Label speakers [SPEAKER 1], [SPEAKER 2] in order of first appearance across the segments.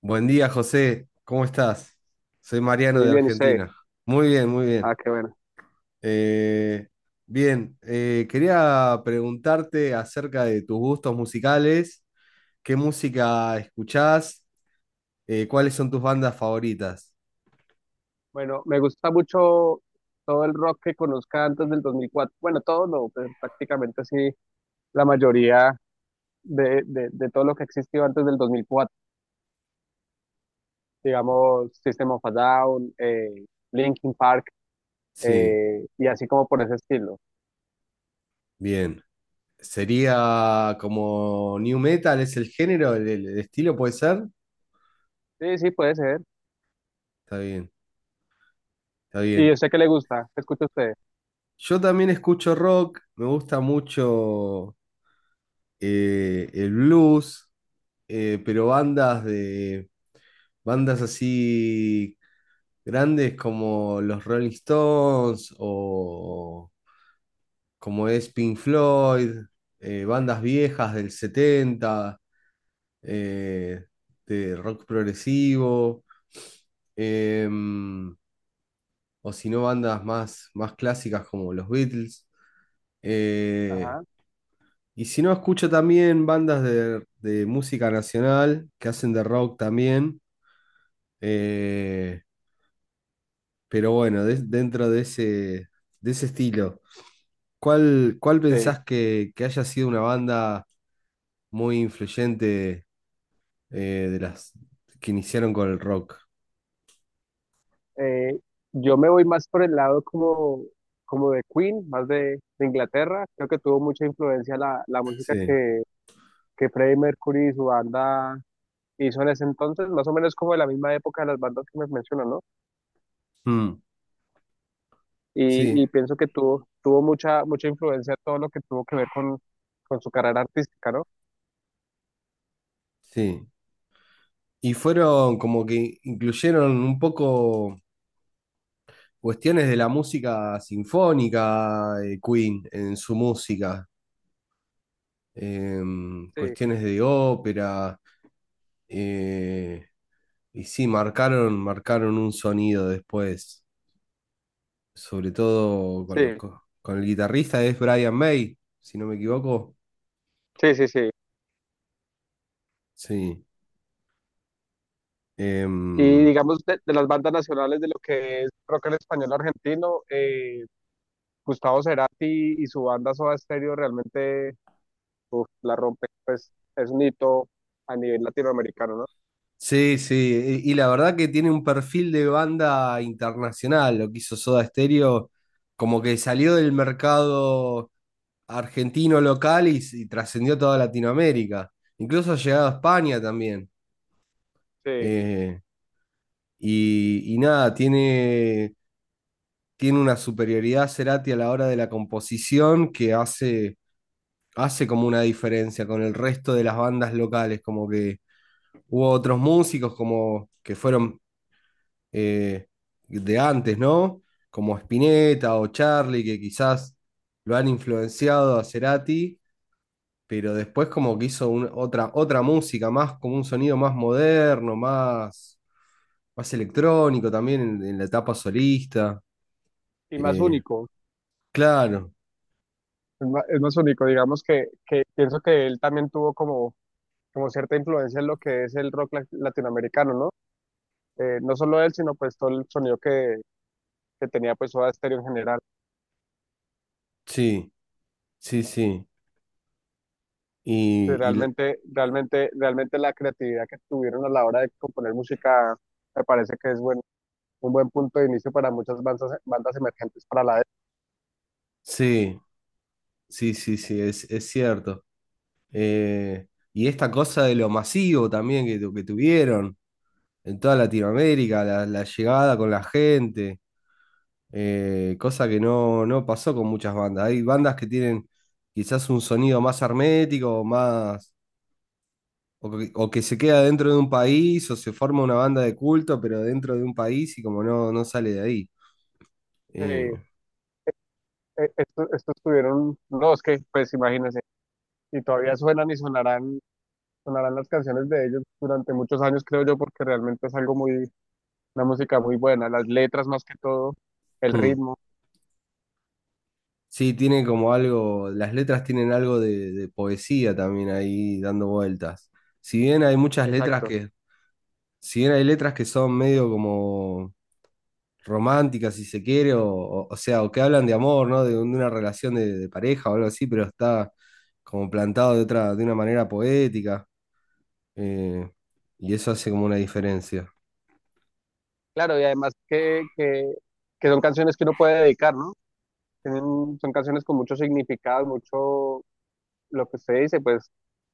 [SPEAKER 1] Buen día, José. ¿Cómo estás? Soy Mariano
[SPEAKER 2] Muy
[SPEAKER 1] de
[SPEAKER 2] bien, y sé.
[SPEAKER 1] Argentina. Muy bien, muy bien.
[SPEAKER 2] Ah, qué bueno.
[SPEAKER 1] Eh, quería preguntarte acerca de tus gustos musicales. ¿Qué música escuchás? ¿Cuáles son tus bandas favoritas?
[SPEAKER 2] Bueno, me gusta mucho todo el rock que conozca antes del 2004. Bueno, todo no, pero prácticamente sí, la mayoría de todo lo que existió antes del dos mil cuatro. Digamos, System of a Down, Linkin Park,
[SPEAKER 1] Sí,
[SPEAKER 2] y así como por ese estilo.
[SPEAKER 1] bien. ¿Sería como new metal? ¿Es el género, el estilo puede ser?
[SPEAKER 2] Sí, sí, puede ser.
[SPEAKER 1] Está bien, está
[SPEAKER 2] Y yo
[SPEAKER 1] bien.
[SPEAKER 2] sé que le gusta, ¿qué escucha usted?
[SPEAKER 1] Yo también escucho rock. Me gusta mucho el blues. Pero bandas de bandas así grandes como los Rolling Stones o como es Pink Floyd, bandas viejas del setenta, eh, de rock progresivo, em, o si no, bandas más, más clásicas como los Beatles. Eh,
[SPEAKER 2] Ajá,
[SPEAKER 1] y si no, escucho también bandas de música nacional que hacen de rock también. eh, Pero bueno, dentro de ese estilo, ¿cuál
[SPEAKER 2] sí.
[SPEAKER 1] pensás que haya sido una banda muy influyente, de las que iniciaron con el rock?
[SPEAKER 2] Eh, yo me voy más por el lado como, como de Queen, más de Inglaterra. Creo que tuvo mucha influencia la música
[SPEAKER 1] Sí.
[SPEAKER 2] que Freddie Mercury y su banda hizo en ese entonces, más o menos como de la misma época de las bandas que me mencionan, ¿no?
[SPEAKER 1] Mm, sí,
[SPEAKER 2] Y pienso que tuvo, tuvo mucha, influencia todo lo que tuvo que ver con su carrera artística, ¿no?
[SPEAKER 1] sí. Y fueron como que incluyeron un poco cuestiones de la música sinfónica, Queen, en su música,
[SPEAKER 2] Sí,
[SPEAKER 1] cuestiones de ópera, eh, y sí, marcaron, marcaron un sonido después, sobre todo con,
[SPEAKER 2] sí,
[SPEAKER 1] con el guitarrista, es Brian May, si no me equivoco.
[SPEAKER 2] sí, sí, sí.
[SPEAKER 1] Sí.
[SPEAKER 2] Y
[SPEAKER 1] Em,
[SPEAKER 2] digamos, de las bandas nacionales de lo que es rock en español argentino, Gustavo Cerati y su banda Soda Stereo realmente, uf, la rompe, pues es un hito a nivel latinoamericano, ¿no?
[SPEAKER 1] sí, sí, y la verdad que tiene un perfil de banda internacional, lo que hizo Soda Stereo, como que salió del mercado argentino local y trascendió toda Latinoamérica, incluso ha llegado a España también.
[SPEAKER 2] Sí,
[SPEAKER 1] Eh, y, y nada, tiene, tiene una superioridad Cerati a la hora de la composición que hace, hace como una diferencia con el resto de las bandas locales, como que hubo otros músicos como que fueron, eh, de antes, ¿no? Como Spinetta o Charlie, que quizás lo han influenciado a Cerati, pero después como que hizo otra, otra música, más como un sonido más moderno, más, más electrónico también en la etapa solista.
[SPEAKER 2] y más
[SPEAKER 1] Eh,
[SPEAKER 2] único.
[SPEAKER 1] claro,
[SPEAKER 2] Es más único, digamos que pienso que él también tuvo como, como cierta influencia en lo que es el rock latinoamericano, ¿no? No solo él, sino pues todo el sonido que tenía pues Soda Stereo en general.
[SPEAKER 1] sí, sí, sí.
[SPEAKER 2] Que
[SPEAKER 1] Y,
[SPEAKER 2] realmente, realmente, realmente la creatividad que tuvieron a la hora de componer música me parece que es bueno, un buen punto de inicio para muchas bandas, bandas emergentes para la época.
[SPEAKER 1] sí. Sí, sí, sí, es cierto. Eh, y esta cosa de lo masivo también que, que tuvieron en toda Latinoamérica, la llegada con la gente, cosa que no, no pasó con muchas bandas. Hay bandas que tienen quizás un sonido más hermético, más, o que se queda dentro de un país, o se forma una banda de culto, pero dentro de un país y como no, no sale de ahí. Eh,
[SPEAKER 2] Eh, estos, tuvieron, no, es que pues imagínense, y todavía suenan y sonarán las canciones de ellos durante muchos años, creo yo, porque realmente es algo muy, una música muy buena, las letras más que todo, el
[SPEAKER 1] mm.
[SPEAKER 2] ritmo,
[SPEAKER 1] Sí, tiene como algo, las letras tienen algo de poesía también ahí dando vueltas. Si bien hay muchas letras
[SPEAKER 2] exacto.
[SPEAKER 1] que, si bien hay letras que son medio como románticas, si se quiere, o sea, o que hablan de amor, ¿no? De, de una relación de pareja o algo así, pero está como plantado de otra, de una manera poética, eh, y eso hace como una diferencia.
[SPEAKER 2] Claro, y además que son canciones que uno puede dedicar, ¿no? Tienen, son canciones con mucho significado, mucho, lo que usted dice, pues,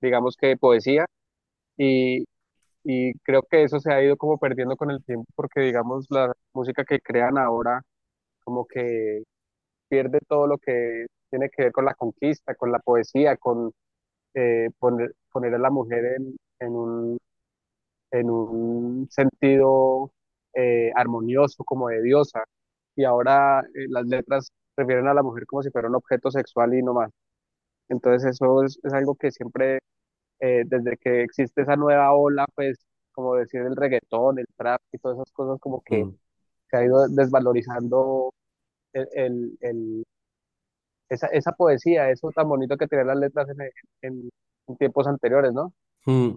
[SPEAKER 2] digamos que poesía, y, y creo que eso se ha ido como perdiendo con el tiempo, porque digamos, la música que crean ahora, como que pierde todo lo que tiene que ver con la conquista, con la poesía, con poner, poner a la mujer en un sentido, armonioso, como de diosa. Y ahora, las letras refieren a la mujer como si fuera un objeto sexual y no más. Entonces eso es algo que siempre, desde que existe esa nueva ola, pues como decir el reggaetón, el trap y todas esas cosas, como que
[SPEAKER 1] Mm.
[SPEAKER 2] se ha ido desvalorizando el, el- el- esa, esa poesía, eso tan bonito que tenían las letras en- en tiempos anteriores, ¿no?
[SPEAKER 1] Mm.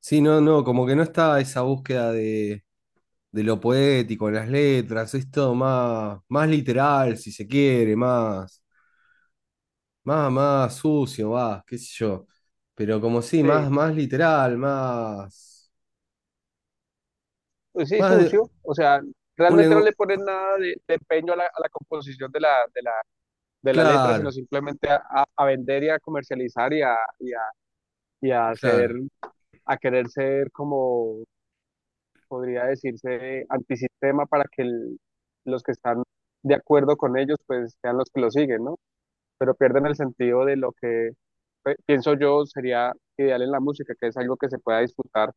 [SPEAKER 1] Sí, no, no, como que no está esa búsqueda de lo poético en las letras, es todo más, más literal, si se quiere, más, más, más sucio, más, qué sé yo. Pero como sí,
[SPEAKER 2] Sí,
[SPEAKER 1] más, más literal, más,
[SPEAKER 2] pues sí,
[SPEAKER 1] más de
[SPEAKER 2] sucio, o sea,
[SPEAKER 1] un
[SPEAKER 2] realmente no
[SPEAKER 1] lenguaje.
[SPEAKER 2] le ponen nada de empeño a a la composición de de, la, letra, sino
[SPEAKER 1] Claro,
[SPEAKER 2] simplemente a vender y a comercializar y a hacer,
[SPEAKER 1] claro,
[SPEAKER 2] a querer ser como podría decirse antisistema para que los que están de acuerdo con ellos pues sean los que lo siguen, ¿no? Pero pierden el sentido de lo que, pienso yo, sería ideal en la música, que es algo que se pueda disfrutar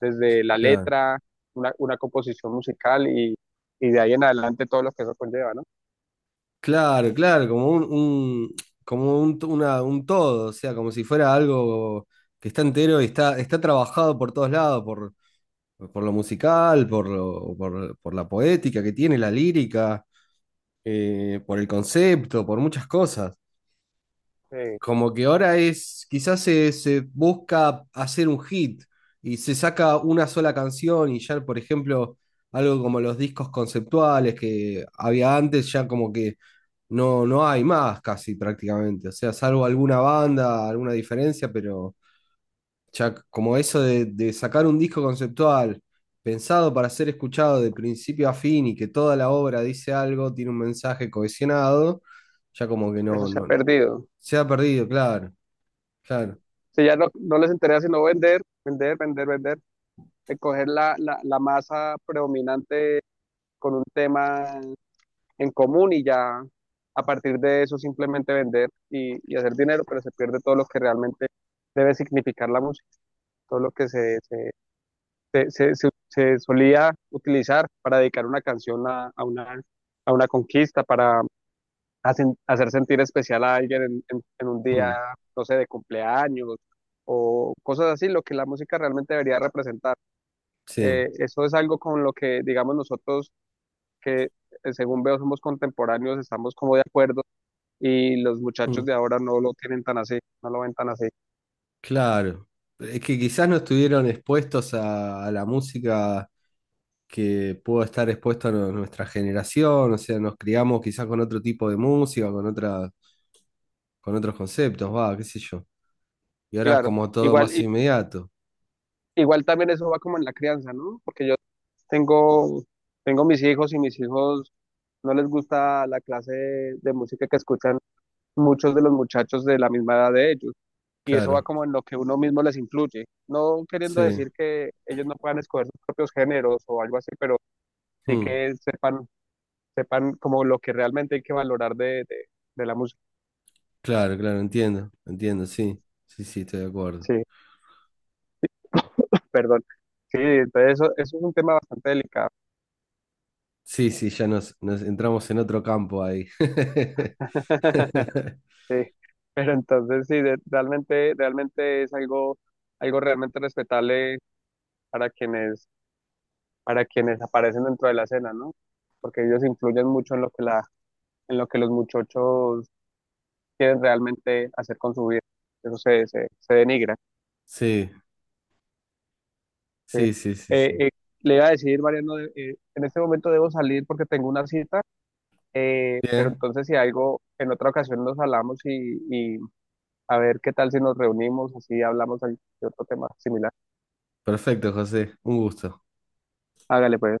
[SPEAKER 2] desde la
[SPEAKER 1] claro.
[SPEAKER 2] letra, una composición musical y de ahí en adelante todo lo que eso conlleva, ¿no?
[SPEAKER 1] Claro, claro, como como un, un todo, o sea, como si fuera algo que está entero y está, está trabajado por todos lados, por lo musical, por la poética que tiene, la lírica, por el concepto, por muchas cosas.
[SPEAKER 2] Eh,
[SPEAKER 1] Como que ahora es, quizás se, se busca hacer un hit y se saca una sola canción y ya, por ejemplo, algo como los discos conceptuales que había antes, ya como que no, no hay más casi prácticamente. O sea, salvo alguna banda, alguna diferencia, pero ya como eso de sacar un disco conceptual pensado para ser escuchado de principio a fin y que toda la obra dice algo, tiene un mensaje cohesionado, ya como que
[SPEAKER 2] eso
[SPEAKER 1] no,
[SPEAKER 2] se ha
[SPEAKER 1] no
[SPEAKER 2] perdido.
[SPEAKER 1] se ha perdido, claro. Claro,
[SPEAKER 2] Si ya no, no les interesa sino vender, vender, vender, vender, coger la masa predominante con un tema en común y ya a partir de eso simplemente vender y hacer dinero, pero se pierde todo lo que realmente debe significar la música, todo lo que se solía utilizar para dedicar una canción a una conquista, para hacer sentir especial a alguien en un día,
[SPEAKER 1] mm,
[SPEAKER 2] no sé, de cumpleaños o cosas así, lo que la música realmente debería representar.
[SPEAKER 1] sí,
[SPEAKER 2] Eso es algo con lo que, digamos, nosotros que, según veo, somos contemporáneos, estamos como de acuerdo y los muchachos
[SPEAKER 1] mm,
[SPEAKER 2] de ahora no lo tienen tan así, no lo ven tan así.
[SPEAKER 1] claro. Es que quizás no estuvieron expuestos a la música que pudo estar expuesta a nuestra generación, o sea, nos criamos quizás con otro tipo de música, con otra, con otros conceptos, va, qué sé yo. Y ahora es
[SPEAKER 2] Claro,
[SPEAKER 1] como todo
[SPEAKER 2] igual,
[SPEAKER 1] más inmediato,
[SPEAKER 2] igual también eso va como en la crianza, ¿no? Porque yo tengo, tengo mis hijos y mis hijos no les gusta la clase de música que escuchan muchos de los muchachos de la misma edad de ellos. Y eso va
[SPEAKER 1] claro,
[SPEAKER 2] como en lo que uno mismo les influye. No queriendo
[SPEAKER 1] sí,
[SPEAKER 2] decir que ellos no puedan escoger sus propios géneros o algo así, pero sí
[SPEAKER 1] mm,
[SPEAKER 2] que sepan, sepan como lo que realmente hay que valorar de la música.
[SPEAKER 1] claro, claro, entiendo, entiendo, sí, sí, sí, estoy de acuerdo.
[SPEAKER 2] Sí, perdón. Sí, entonces eso es un tema bastante delicado.
[SPEAKER 1] Sí, sí, ya nos, nos entramos en otro campo ahí.
[SPEAKER 2] Sí, pero entonces sí, realmente, realmente es algo, algo realmente respetable para quienes, para quienes aparecen dentro de la escena, ¿no? Porque ellos influyen mucho en lo que en lo que los muchachos quieren realmente hacer con su vida. Eso se denigra.
[SPEAKER 1] Sí.
[SPEAKER 2] Sí.
[SPEAKER 1] Sí, sí, sí, sí.
[SPEAKER 2] Eh, eh, le iba a decir, Mariano, en este momento debo salir porque tengo una cita, pero
[SPEAKER 1] Bien,
[SPEAKER 2] entonces si algo, en otra ocasión nos hablamos y a ver qué tal si nos reunimos, así hablamos de otro tema similar.
[SPEAKER 1] perfecto, José. Un gusto.
[SPEAKER 2] Hágale pues.